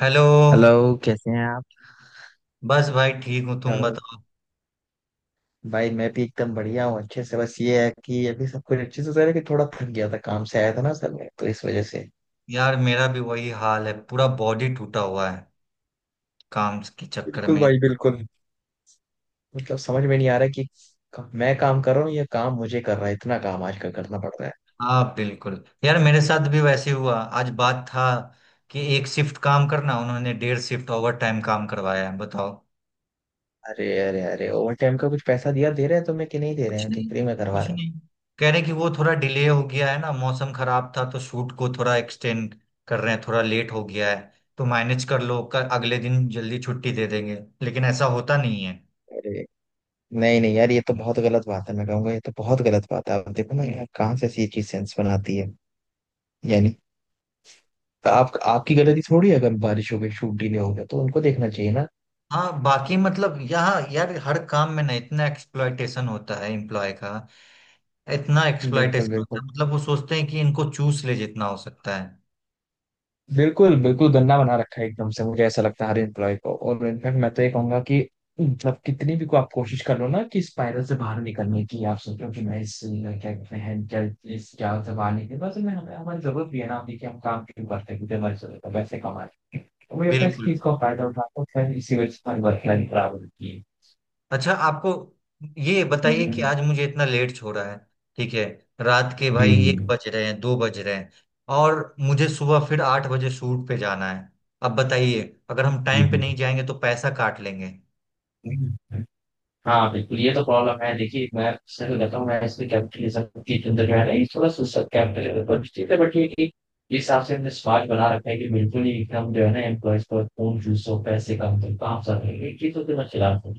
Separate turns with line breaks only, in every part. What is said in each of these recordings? Hello.
Hello. कैसे हैं आप?
बस भाई ठीक हूँ, तुम
हेलो,
बताओ।
भाई मैं भी एकदम बढ़िया हूँ, अच्छे से। बस ये है कि अभी सब कुछ अच्छे से चल कि थोड़ा थक गया था, काम से आया था ना सर, मैं तो इस वजह से।
यार मेरा भी वही हाल है, पूरा बॉडी टूटा हुआ है काम के चक्कर
बिल्कुल
में।
भाई बिल्कुल। मतलब समझ में नहीं आ रहा कि मैं काम कर रहा हूँ या काम मुझे कर रहा है, इतना काम आजकल करना पड़ रहा है।
हाँ बिल्कुल, यार मेरे साथ भी वैसे हुआ, आज बात था कि एक शिफ्ट काम करना, उन्होंने डेढ़ शिफ्ट ओवर टाइम काम करवाया है, बताओ।
अरे अरे अरे, ओवर टाइम का कुछ पैसा दिया, दे रहे हैं तुम्हें कि नहीं दे रहे
कुछ
हैं, कि
नहीं,
फ्री में
कुछ
करवा रहे हो?
नहीं। कह रहे कि वो थोड़ा डिले हो गया है ना, मौसम खराब था तो शूट को थोड़ा एक्सटेंड कर रहे हैं, थोड़ा लेट हो गया है, तो मैनेज कर लो, कर अगले दिन जल्दी छुट्टी दे देंगे, लेकिन ऐसा होता नहीं है।
अरे, नहीं नहीं यार, ये तो बहुत गलत बात है, मैं कहूंगा ये तो बहुत गलत बात है। आप देखो ना यार, कहाँ से ऐसी चीज सेंस बनाती है? यानी आप आपकी गलती थोड़ी है, अगर बारिश हो गई, शूट डीले हो गया, तो उनको देखना चाहिए ना।
हाँ बाकी मतलब यहाँ यार हर काम में ना इतना एक्सप्लॉयटेशन होता है एम्प्लॉय का, इतना
बिल्कुल
एक्सप्लॉयटेशन होता
बिल्कुल।
है, मतलब वो सोचते हैं कि इनको चूस ले जितना हो सकता है।
बिल्कुल बिल्कुल, गंदा बना रखा है एकदम से, मुझे ऐसा लगता है हर एम्प्लॉय को, और इनफैक्ट मैं तो ये कहूंगा कि मतलब कितनी भी को आप कोशिश कर लो ना कि स्पाइरल से बाहर निकलने की, आप सोचो कि मैं इस क्या कहते हैं क्या इस जाल से बाहर निकले। बस मैं हमें हमारी जरूरत भी है ना। देखिए हम काम क्यों करते हैं, क्योंकि हमारी जरूरत है तो वैसे कमा रहे हैं। तो मुझे लगता है इस
बिल्कुल।
चीज का फायदा उठाता है, इसी वजह से हमारी वर्क लाइफ खराब होती है।
अच्छा आपको ये बताइए कि
हम्म।
आज मुझे इतना लेट छोड़ा है, ठीक है? रात के
जी
भाई
जी।
एक बज रहे हैं, दो बज रहे हैं, और मुझे सुबह फिर आठ बजे शूट पे जाना है। अब बताइए, अगर हम
जी,
टाइम पे नहीं जाएंगे तो पैसा काट लेंगे।
जी। हाँ बिल्कुल, ये तो प्रॉब्लम है। देखिए मैं सही कहता हूँ, मैं इसमें कैपिटलिज्म की चिंता जो है ना, ये थोड़ा सा कैपिटलिज्म पर भी ठीक है, बट ये कि इस हिसाब से हमने समाज बना रखा है कि बिल्कुल ही एकदम जो है ना एम्प्लॉयज पर खून चूसो, पैसे कम करो, काम सब है, ये चीजों के मैं खिलाफ हूँ।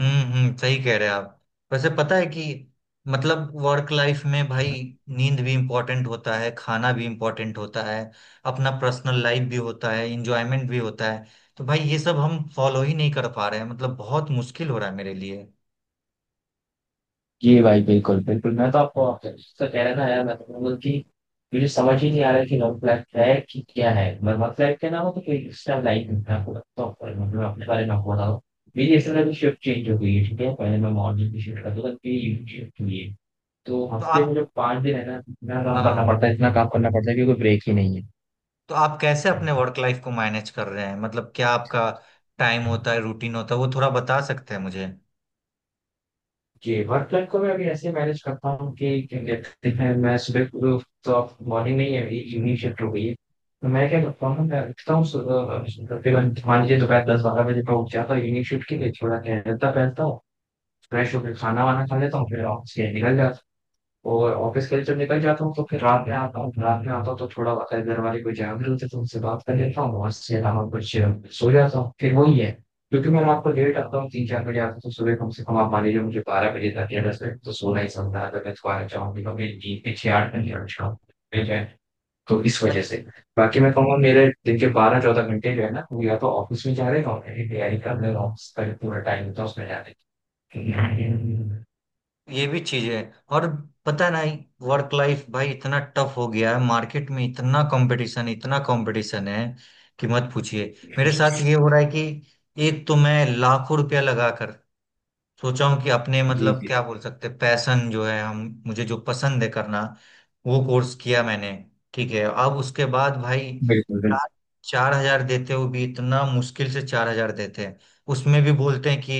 हम्म, सही कह रहे हैं आप। वैसे पता है कि मतलब वर्क लाइफ में भाई नींद भी इम्पोर्टेंट होता है, खाना भी इम्पोर्टेंट होता है, अपना पर्सनल लाइफ भी होता है, इंजॉयमेंट भी होता है। तो भाई ये सब हम फॉलो ही नहीं कर पा रहे हैं, मतलब बहुत मुश्किल हो रहा है मेरे लिए।
जी भाई बिल्कुल बिल्कुल, मैं तो आपको आपका कह रहा था यार, मैं तो बोल कि मुझे समझ ही नहीं आ रहा है कि लॉन्ग फ्लैट है कि क्या है, मरमत फ्लैट के नाम हो तो कोई एक्स्ट्रा लाइन। मैं आपको बताता हूँ, पर मतलब अपने बारे में आपको बताऊँ। मेरी इस तरह की शिफ्ट चेंज हो गई है, ठीक है? पहले मैं मॉर्निंग की शिफ्ट करता था, फिर इवनिंग शिफ्ट हुई है। तो
तो
हफ्ते में
आप
जो 5 दिन है ना, इतना काम करना
हाँ,
पड़ता है, इतना काम करना पड़ता है, क्योंकि ब्रेक ही नहीं
तो आप कैसे अपने
है।
वर्क लाइफ को मैनेज कर रहे हैं, मतलब क्या आपका टाइम होता है, रूटीन होता है, वो थोड़ा बता सकते हैं मुझे?
जी, वर्क लाइफ को मैं अभी ऐसे मैनेज करता हूँ कि क्या कहते हैं, मैं सुबह को तो मॉर्निंग में ही, अभी इवनिंग शिफ्ट हो गई है। तो मैं क्या करता हूँ, मैं उठता हूँ, तकरीबन मान लीजिए दोपहर 10-12 बजे मैं उठ जाता हूँ इवनिंग शिफ्ट के लिए, थोड़ा टहलता पहलता हूँ, फ्रेश होकर खाना वाना खा लेता हूँ, फिर ऑफिस के लिए निकल जाता हूँ। और ऑफिस के लिए जब निकल जाता हूँ तो फिर रात में आता हूँ। रात में आता हूँ तो थोड़ा बहुत अगर घर वाले कोई जागरूक होते तो उनसे बात कर लेता हूँ, और इसके अलावा कुछ सो जाता हूँ, फिर वही है। क्योंकि मैं रात को लेट आता हूँ, 3-4 बजे आता हूँ, तो सुबह कम से कम आप मान लीजिए मुझे 12 बजे तक या 10 बजे तो सोना ही समझा, अगर मैं दोबारा चाहूंगी तो मेरी नींद भी 6-8 घंटे और शाम मिल जाए। तो इस वजह से। बाकी मैं कहूँगा मेरे दिन के 12-14 घंटे जो है ना, वो या तो ऑफिस में जा रहे हैं और मेरी तैयारी कर रहे हैं ऑफिस का, जो पूरा टाइम होता है उसमें जा रहे हैं।
ये भी चीज है। और पता नहीं, वर्क लाइफ भाई इतना टफ हो गया है, मार्केट में इतना कंपटीशन, इतना कंपटीशन है कि मत पूछिए। मेरे साथ ये हो रहा है कि एक तो मैं लाखों रुपया लगा कर सोचा हूँ कि अपने
जी
मतलब
जी।
क्या बोल सकते हैं पैशन जो है हम, मुझे जो पसंद है करना, वो कोर्स किया मैंने, ठीक है। अब उसके बाद भाई
बिल्कुल बिल्कुल।
चार चार हजार देते हुए भी, इतना मुश्किल से चार हजार देते हैं, उसमें भी बोलते हैं कि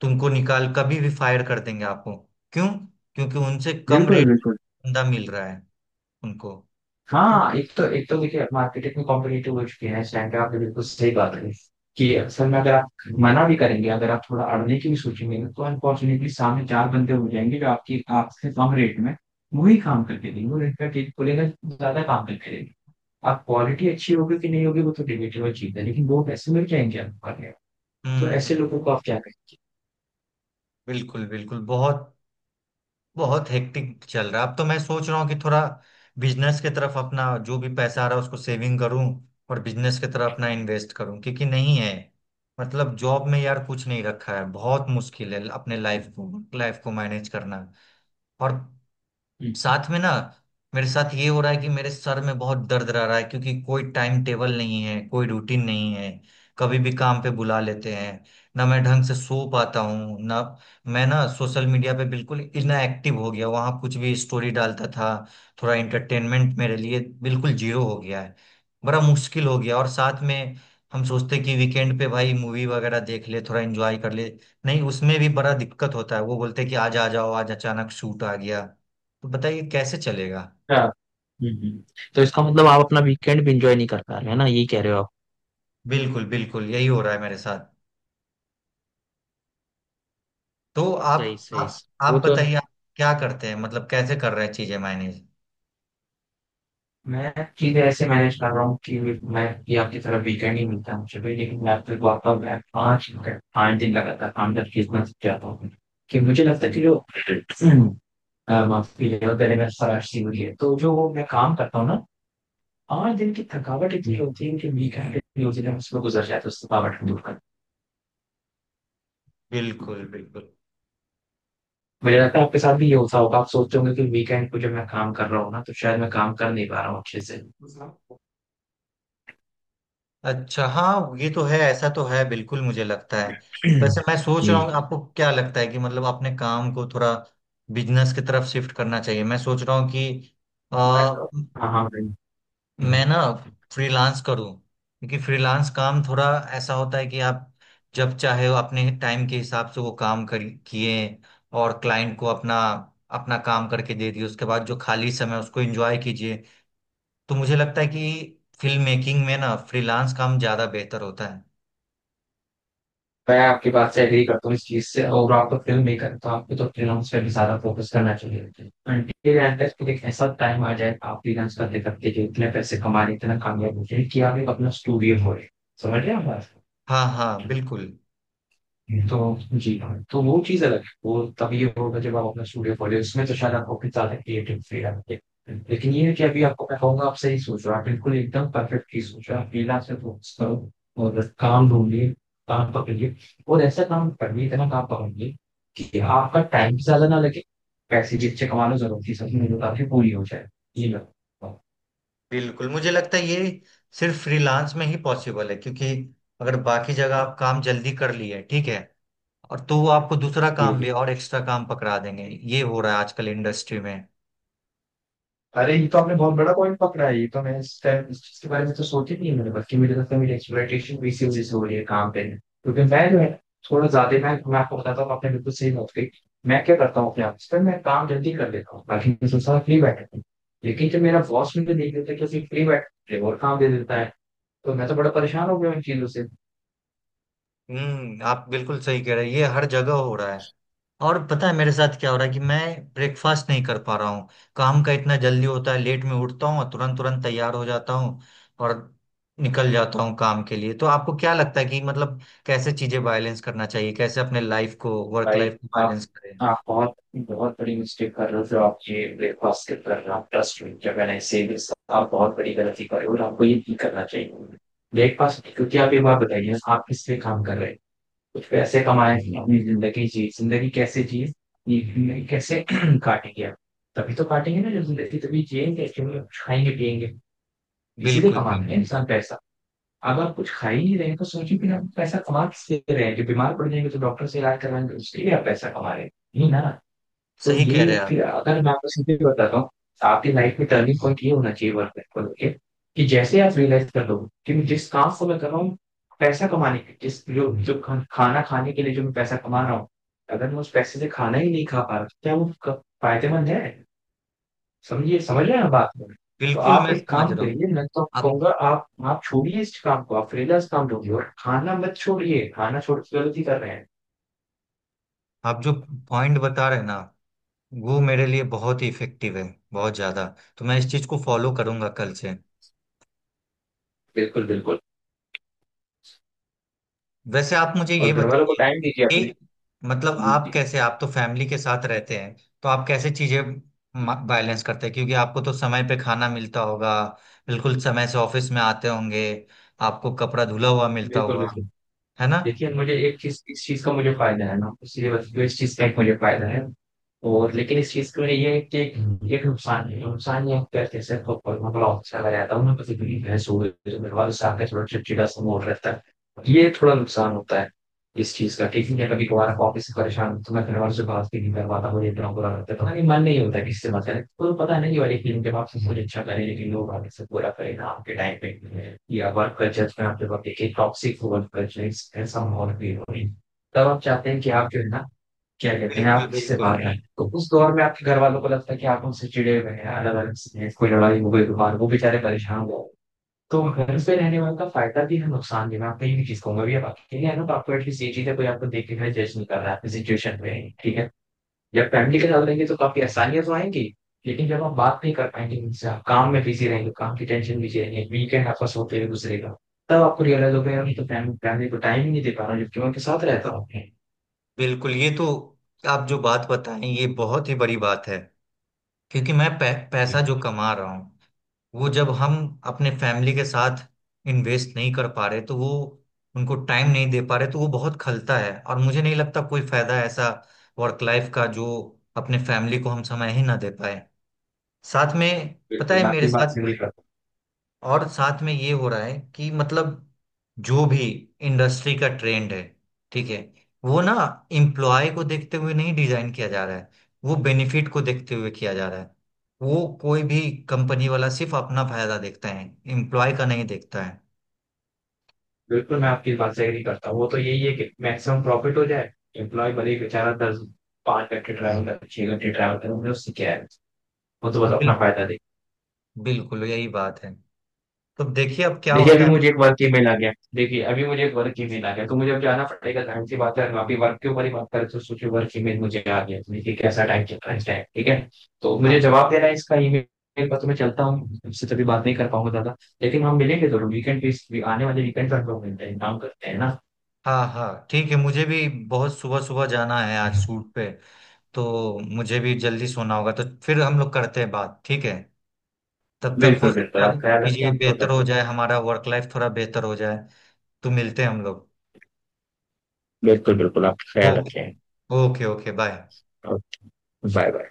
तुमको निकाल कभी भी फायर कर देंगे आपको। क्यों? क्योंकि उनसे कम
बिल्कुल
रेट
बिल्कुल।
में बंदा मिल रहा है उनको। तो
हाँ, एक तो देखिए मार्केट इतनी कॉम्पिटेटिव हो चुकी है इस टाइम पे, आपने बिल्कुल सही बात है कि असल में अगर आप मना भी करेंगे, अगर आप थोड़ा अड़ने की भी सोचेंगे ना, तो अनफॉर्चुनेटली सामने चार बंदे हो जाएंगे जो आपकी आपसे कम रेट में वही काम करके देंगे, और इनका टेक खुलेगा, ज्यादा काम करके देंगे। आप क्वालिटी अच्छी होगी कि नहीं होगी वो तो डिबेटेबल चीज है, लेकिन वो पैसे मिल जाएंगे आपको करने को। तो ऐसे
हम्म,
लोगों को आप क्या कहेंगे?
बिल्कुल बिल्कुल, बहुत बहुत हेक्टिक चल रहा है। अब तो मैं सोच रहा हूँ कि थोड़ा बिजनेस की तरफ अपना जो भी पैसा आ रहा है उसको सेविंग करूँ, और बिजनेस की तरफ अपना इन्वेस्ट करूँ, क्योंकि नहीं है, मतलब जॉब में यार कुछ नहीं रखा है, बहुत मुश्किल है अपने लाइफ को मैनेज करना। और
हम्म,
साथ में ना, मेरे साथ ये हो रहा है कि मेरे सर में बहुत दर्द रह रहा है, क्योंकि कोई टाइम टेबल नहीं है, कोई रूटीन नहीं है, कभी भी काम पे बुला लेते हैं, ना मैं ढंग से सो पाता हूँ, ना मैं, ना सोशल मीडिया पे बिल्कुल इनएक्टिव हो गया, वहाँ कुछ भी स्टोरी डालता था, थोड़ा एंटरटेनमेंट मेरे लिए बिल्कुल जीरो हो गया है, बड़ा मुश्किल हो गया। और साथ में हम सोचते कि वीकेंड पे भाई मूवी वगैरह देख ले, थोड़ा एंजॉय कर ले, नहीं उसमें भी बड़ा दिक्कत होता है, वो बोलते कि आज आ जाओ, आज अचानक शूट आ गया। तो बताइए कैसे चलेगा।
हाँ, हम्म, हम्म। तो इसका मतलब आप अपना वीकेंड भी इंजॉय नहीं कर पा रहे है ना, यही कह रहे हो आप?
बिल्कुल बिल्कुल, यही हो रहा है मेरे साथ। तो आप
सही सही
आप
सही। वो
आप
तो
बताइए, आप क्या करते हैं, मतलब कैसे कर रहे हैं चीजें मैनेज।
मैं चीजें ऐसे मैनेज कर रहा हूँ कि मैं कि आपकी तरह वीकेंड ही मिलता है मुझे भी, लेकिन मैं फिर आता हूँ, मैं 5 घंटे 5 दिन लगातार काम करके इतना सीख जाता हूँ कि मुझे लगता है कि जो माफ कीजिएगा, गले में खराश सी हुई है, तो जो वो मैं काम करता हूँ ना, 5 दिन की थकावट इतनी होती है कि वीकेंड इतनी होती है उसमें गुजर जाता है, उस थकावट को दूर कर।
बिल्कुल बिल्कुल।
मुझे लगता है आपके साथ भी ये होता होगा, आप सोचते होंगे कि वीकेंड को जब मैं काम कर रहा हूँ ना तो शायद मैं काम कर नहीं पा रहा हूँ अच्छे से।
अच्छा हाँ, ये तो है, ऐसा तो है बिल्कुल, मुझे लगता है। वैसे मैं सोच
जी।
रहा हूँ, आपको क्या लगता है कि मतलब अपने काम को थोड़ा बिजनेस की तरफ शिफ्ट करना चाहिए, मैं सोच रहा हूँ कि
मैं तो- हाँ हाँ, मैं
मैं ना फ्रीलांस करूं, क्योंकि फ्रीलांस काम थोड़ा ऐसा होता है कि आप जब चाहे वो अपने टाइम के हिसाब से वो काम कर किए, और क्लाइंट को अपना अपना काम करके दे दिए, उसके बाद जो खाली समय उसको एंजॉय कीजिए। तो मुझे लगता है कि फिल्म मेकिंग में ना फ्रीलांस काम ज्यादा बेहतर होता है।
आपकी बात से एग्री करता हूँ इस चीज़ से, और आप तो फ़िल्म मेकर हैं, तो आपको तो फ्रीलांस पे भी ज़्यादा फ़ोकस करना चाहिए। अंटिल एंड अनलेस कि एक ऐसा टाइम आ जाए आप फ्रीलांस करते-करते जो इतने पैसे कमा रहे हैं, इतना कामयाब हो जाए कि आप एक अपना स्टूडियो खोलें। समझ रहे हैं आप
हाँ हाँ।
बात?
बिल्कुल
तो जी हाँ, तो वो चीज़ अलग है। वो तभी होगा जब आप अपना स्टूडियो खोले, उसमें तो शायद आपको कितना ज्यादा क्रिएटिव फ्रीडम है, लेकिन ये है कि अभी आपको मैं कहूंगा आप सही सोच रहे हो, आप बिल्कुल एकदम परफेक्ट चीज सोच रहे हो, आप फ्रीलांस पे फोकस करो। और काम ढूंढिए, काम पकड़िए, और ऐसा काम करिए, इतना काम पकड़िए कि आपका टाइम भी ज्यादा ना लगे, पैसे भी अच्छे कमा लो, जरूरत की सब मेरे पूरी हो जाए। ये मैं
बिल्कुल, मुझे लगता है ये सिर्फ फ्रीलांस में ही पॉसिबल है, क्योंकि अगर बाकी जगह आप काम जल्दी कर लिए, ठीक है, और तो वो आपको दूसरा काम भी
ये
और एक्स्ट्रा काम पकड़ा देंगे। ये हो रहा है आजकल इंडस्ट्री में।
अरे, ये तो आपने बहुत बड़ा पॉइंट पकड़ा है, ये तो मैं इस टाइम इस चीज के बारे में तो सोच ही नहीं है मैंने, बल्कि मुझे लगता है मेरी एक्सप्लॉइटेशन भी इसी वजह से हो रही है काम पे, क्योंकि मैं जो है थोड़ा ज्यादा मैं आपको बताता हूँ, आपने बिल्कुल सही बात कही। मैं क्या करता हूँ अपने ऑफिस पे, मैं काम जल्दी कर लेता हूँ, बाकी मैं सोचता हूँ फ्री बैठा हूँ, लेकिन जब मेरा बॉस मुझे देख लेता है कि फ्री बैठ रहे हो और काम दे देता है, तो मैं तो बड़ा परेशान हो गया इन चीजों से।
हम्म, आप बिल्कुल सही कह रहे हैं, ये हर जगह हो रहा है। और पता है मेरे साथ क्या हो रहा है कि मैं ब्रेकफास्ट नहीं कर पा रहा हूँ, काम का इतना जल्दी होता है, लेट में उठता हूँ और तुरंत तुरंत तैयार हो जाता हूँ और निकल जाता हूँ काम के लिए। तो आपको क्या लगता है कि मतलब कैसे चीजें बैलेंस करना चाहिए, कैसे अपने लाइफ को वर्क
भाई,
लाइफ को
आप
बैलेंस करें?
आप बहुत बहुत बड़ी मिस्टेक कर रहे हो जो आप ये ब्रेकफास्ट स्किप कर रहे हो, आप ट्रस्ट में जब मैंने से। आप बहुत बड़ी गलती कर रहे हो और आपको ये नहीं करना चाहिए ब्रेकफास्ट। क्योंकि आप ये बात बताइए आप किस लिए काम कर रहे हो? कुछ पैसे कमाए, अपनी जिंदगी जी, जिंदगी कैसे जिए, ये जिंदगी कैसे काटेंगे आप? तभी तो काटेंगे ना जब जिंदगी तभी जिएंगे क्योंकि कुछ खाएंगे पिएंगे। इसीलिए
बिल्कुल
कमाना है
बिल्कुल,
इंसान पैसा। अब आप कुछ खा ही नहीं रहे हैं, तो सोचिए फिर आप पैसा कमा किससे रहे हैं? जो बीमार पड़ जाएंगे तो डॉक्टर से इलाज करवाएंगे, उसके लिए आप पैसा कमा रहे हैं? नहीं ना। तो
सही कह रहे
ये
हैं आप,
फिर अगर मैं आपको सीधे बताता हूँ, आपकी लाइफ में टर्निंग पॉइंट ये होना चाहिए वर्क लाइफ को लेके कि जैसे आप रियलाइज कर लो कि मैं जिस काम को मैं कर रहा हूँ, पैसा कमाने के जिस जो जो खाना खाने के लिए जो मैं पैसा कमा रहा हूँ, अगर मैं उस पैसे से खाना ही नहीं खा पा रहा, तो क्या वो फायदेमंद है? समझिए, समझ रहे हैं आप बात को? तो
बिल्कुल
आप
मैं
एक
समझ
काम
रहा हूँ।
करिए, मैं तो
आप
कहूँगा आप छोड़िए इस काम को, आप फ्रीलांस काम ढूँढिए, और खाना मत छोड़िए, खाना छोड़ के गलती कर रहे हैं।
आप जो पॉइंट बता रहे हैं ना, वो मेरे लिए बहुत ही इफेक्टिव है, बहुत ज्यादा। तो मैं इस चीज को फॉलो करूंगा कल से।
बिल्कुल बिल्कुल।
वैसे आप मुझे
और
ये
घर वालों को
बताइए
टाइम दीजिए अपने।
कि मतलब
जी
आप
जी।
कैसे, आप तो फैमिली के साथ रहते हैं, तो आप कैसे चीजें बैलेंस करते हैं? क्योंकि आपको तो समय पे खाना मिलता होगा, बिल्कुल समय से ऑफिस में आते होंगे, आपको कपड़ा धुला हुआ मिलता
बिल्कुल
होगा,
बिल्कुल।
है ना?
देखिए मुझे एक चीज, इस चीज का मुझे फायदा है ना, इसलिए बस इस चीज का एक मुझे फायदा है और। लेकिन इस चीज के लिए ये है कि एक एक नुकसान है, नुकसान ये है कि कहते हैं सर तो मैं बड़ा अच्छा लग जाता हूँ, मैं पति भी भैंस हो गई तो मेरे वालों से आकर थोड़ा चिड़चिड़ा सा मोड़ रहता है। ये थोड़ा नुकसान होता है इस चीज का, ठीक है? कभी कभार ऑफिस से परेशान तो मैं घर वालों से बात भी नहीं कर पाता, मुझे इतना बुरा लगता है, पता नहीं मन नहीं होता किसी से बात करें, तो पता नहीं ये वाली फिल्म के बाद मुझे अच्छा करे, लेकिन लोग आगे से पूरा करें ना आपके टाइम पे या वर्क कल्चर में आपके वक्त, देखिए टॉक्सिक वर्क कल्चर ऐसा माहौल भी हो रही, तब आप चाहते हैं कि आप जो है ना क्या कहते हैं
बिल्कुल
आप किसी से
बिल्कुल।
बाहर आए, तो उस दौर में आपके घर वालों को लगता है कि आप उनसे चिड़े हुए हैं, अलग अलग कोई लड़ाई हो गई बाहर, वो बेचारे परेशान हो। तो घर पे रहने वाले का फायदा भी है नुकसान भी, मैं आपको ये भी चीज कहूंगा भी आप अकेले हैं ना तो आपको एटलीस्ट ये चीज है कोई आपको देख के घर जज नहीं कर रहा है आपकी सिचुएशन में, ठीक है? जब फैमिली के साथ रहेंगे तो काफी आसानियां तो आएंगी, लेकिन जब आप बात नहीं कर पाएंगे उनसे, आप काम में बिजी रहेंगे, काम की टेंशन बिजी रहेंगे, वीकेंड आपका सोते हुए गुजरेगा, तब आपको रियलाइज होगा यार मैं तो फैमिली, फैमिली को टाइम ही नहीं दे पा रहा हूँ जबकि मैं उनके साथ रहता हूँ।
बिल्कुल ये तो, आप जो बात बताएं, ये बहुत ही बड़ी बात है, क्योंकि मैं पैसा
जी।
जो कमा रहा हूँ, वो जब हम अपने फैमिली के साथ इन्वेस्ट नहीं कर पा रहे, तो वो उनको टाइम नहीं दे पा रहे, तो वो बहुत खलता है, और मुझे नहीं लगता कोई फायदा है ऐसा वर्क लाइफ का, जो अपने फैमिली को हम समय ही ना दे पाए साथ में। पता
बिल्कुल
है
मैं
मेरे
आपकी बात
साथ,
से agree करता हूं।
और साथ में ये हो रहा है कि मतलब जो भी इंडस्ट्री का ट्रेंड है, ठीक है, वो ना एम्प्लॉय को देखते हुए नहीं डिजाइन किया जा रहा है, वो बेनिफिट को देखते हुए किया जा रहा है। वो कोई भी कंपनी वाला सिर्फ अपना फायदा देखता है, एम्प्लॉय का नहीं देखता है।
बिल्कुल मैं आपकी इस बात से एग्री करता हूँ, वो तो यही है कि मैक्सिमम प्रॉफिट हो जाए, एम्प्लॉय भले ही बेचारा दस पाँच घंटे ट्रैवल करे, 6 घंटे ट्रैवल करे, उन्हें उससे क्या है, वो तो बस
बिल,
अपना फायदा दे।
बिल्कुल यही बात है। तो देखिए अब क्या
देखिए
होता
अभी
है।
मुझे एक वर्क ईमेल आ गया, देखिए अभी मुझे एक वर्क ईमेल आ गया, तो मुझे अब जाना पड़ेगा, जाहिर सी बात है हम अभी वर्क के ऊपर ही बात करें तो सोचिए वर्क ईमेल मुझे आ गया, तो देखिए कैसा टाइम चल रहा है इस टाइम, ठीक है? तो
हाँ
मुझे जवाब देना है इसका ईमेल पर, तो मैं चलता हूँ, उससे तभी बात नहीं कर पाऊंगा दादा। लेकिन हम मिलेंगे जरूर वीकेंड पे, आने वाले वीकेंड पर हम लोग मिलते हैं, काम करते हैं ना।
हाँ हाँ, ठीक है, मुझे भी बहुत सुबह सुबह जाना है आज शूट पे, तो मुझे भी जल्दी सोना होगा। तो फिर हम लोग करते हैं बात, ठीक है। तब तक हो
बिल्कुल बिल्कुल,
सकता
आप
है
ख्याल रखते हैं
चीजें
हम लोग
बेहतर
करते
हो
हैं।
जाए, हमारा वर्क लाइफ थोड़ा बेहतर हो जाए। तो मिलते हैं हम लोग।
बिल्कुल, बिल्कुल, आप ख्याल रखें।
Okay, okay okay, bye.
और बाय-बाय।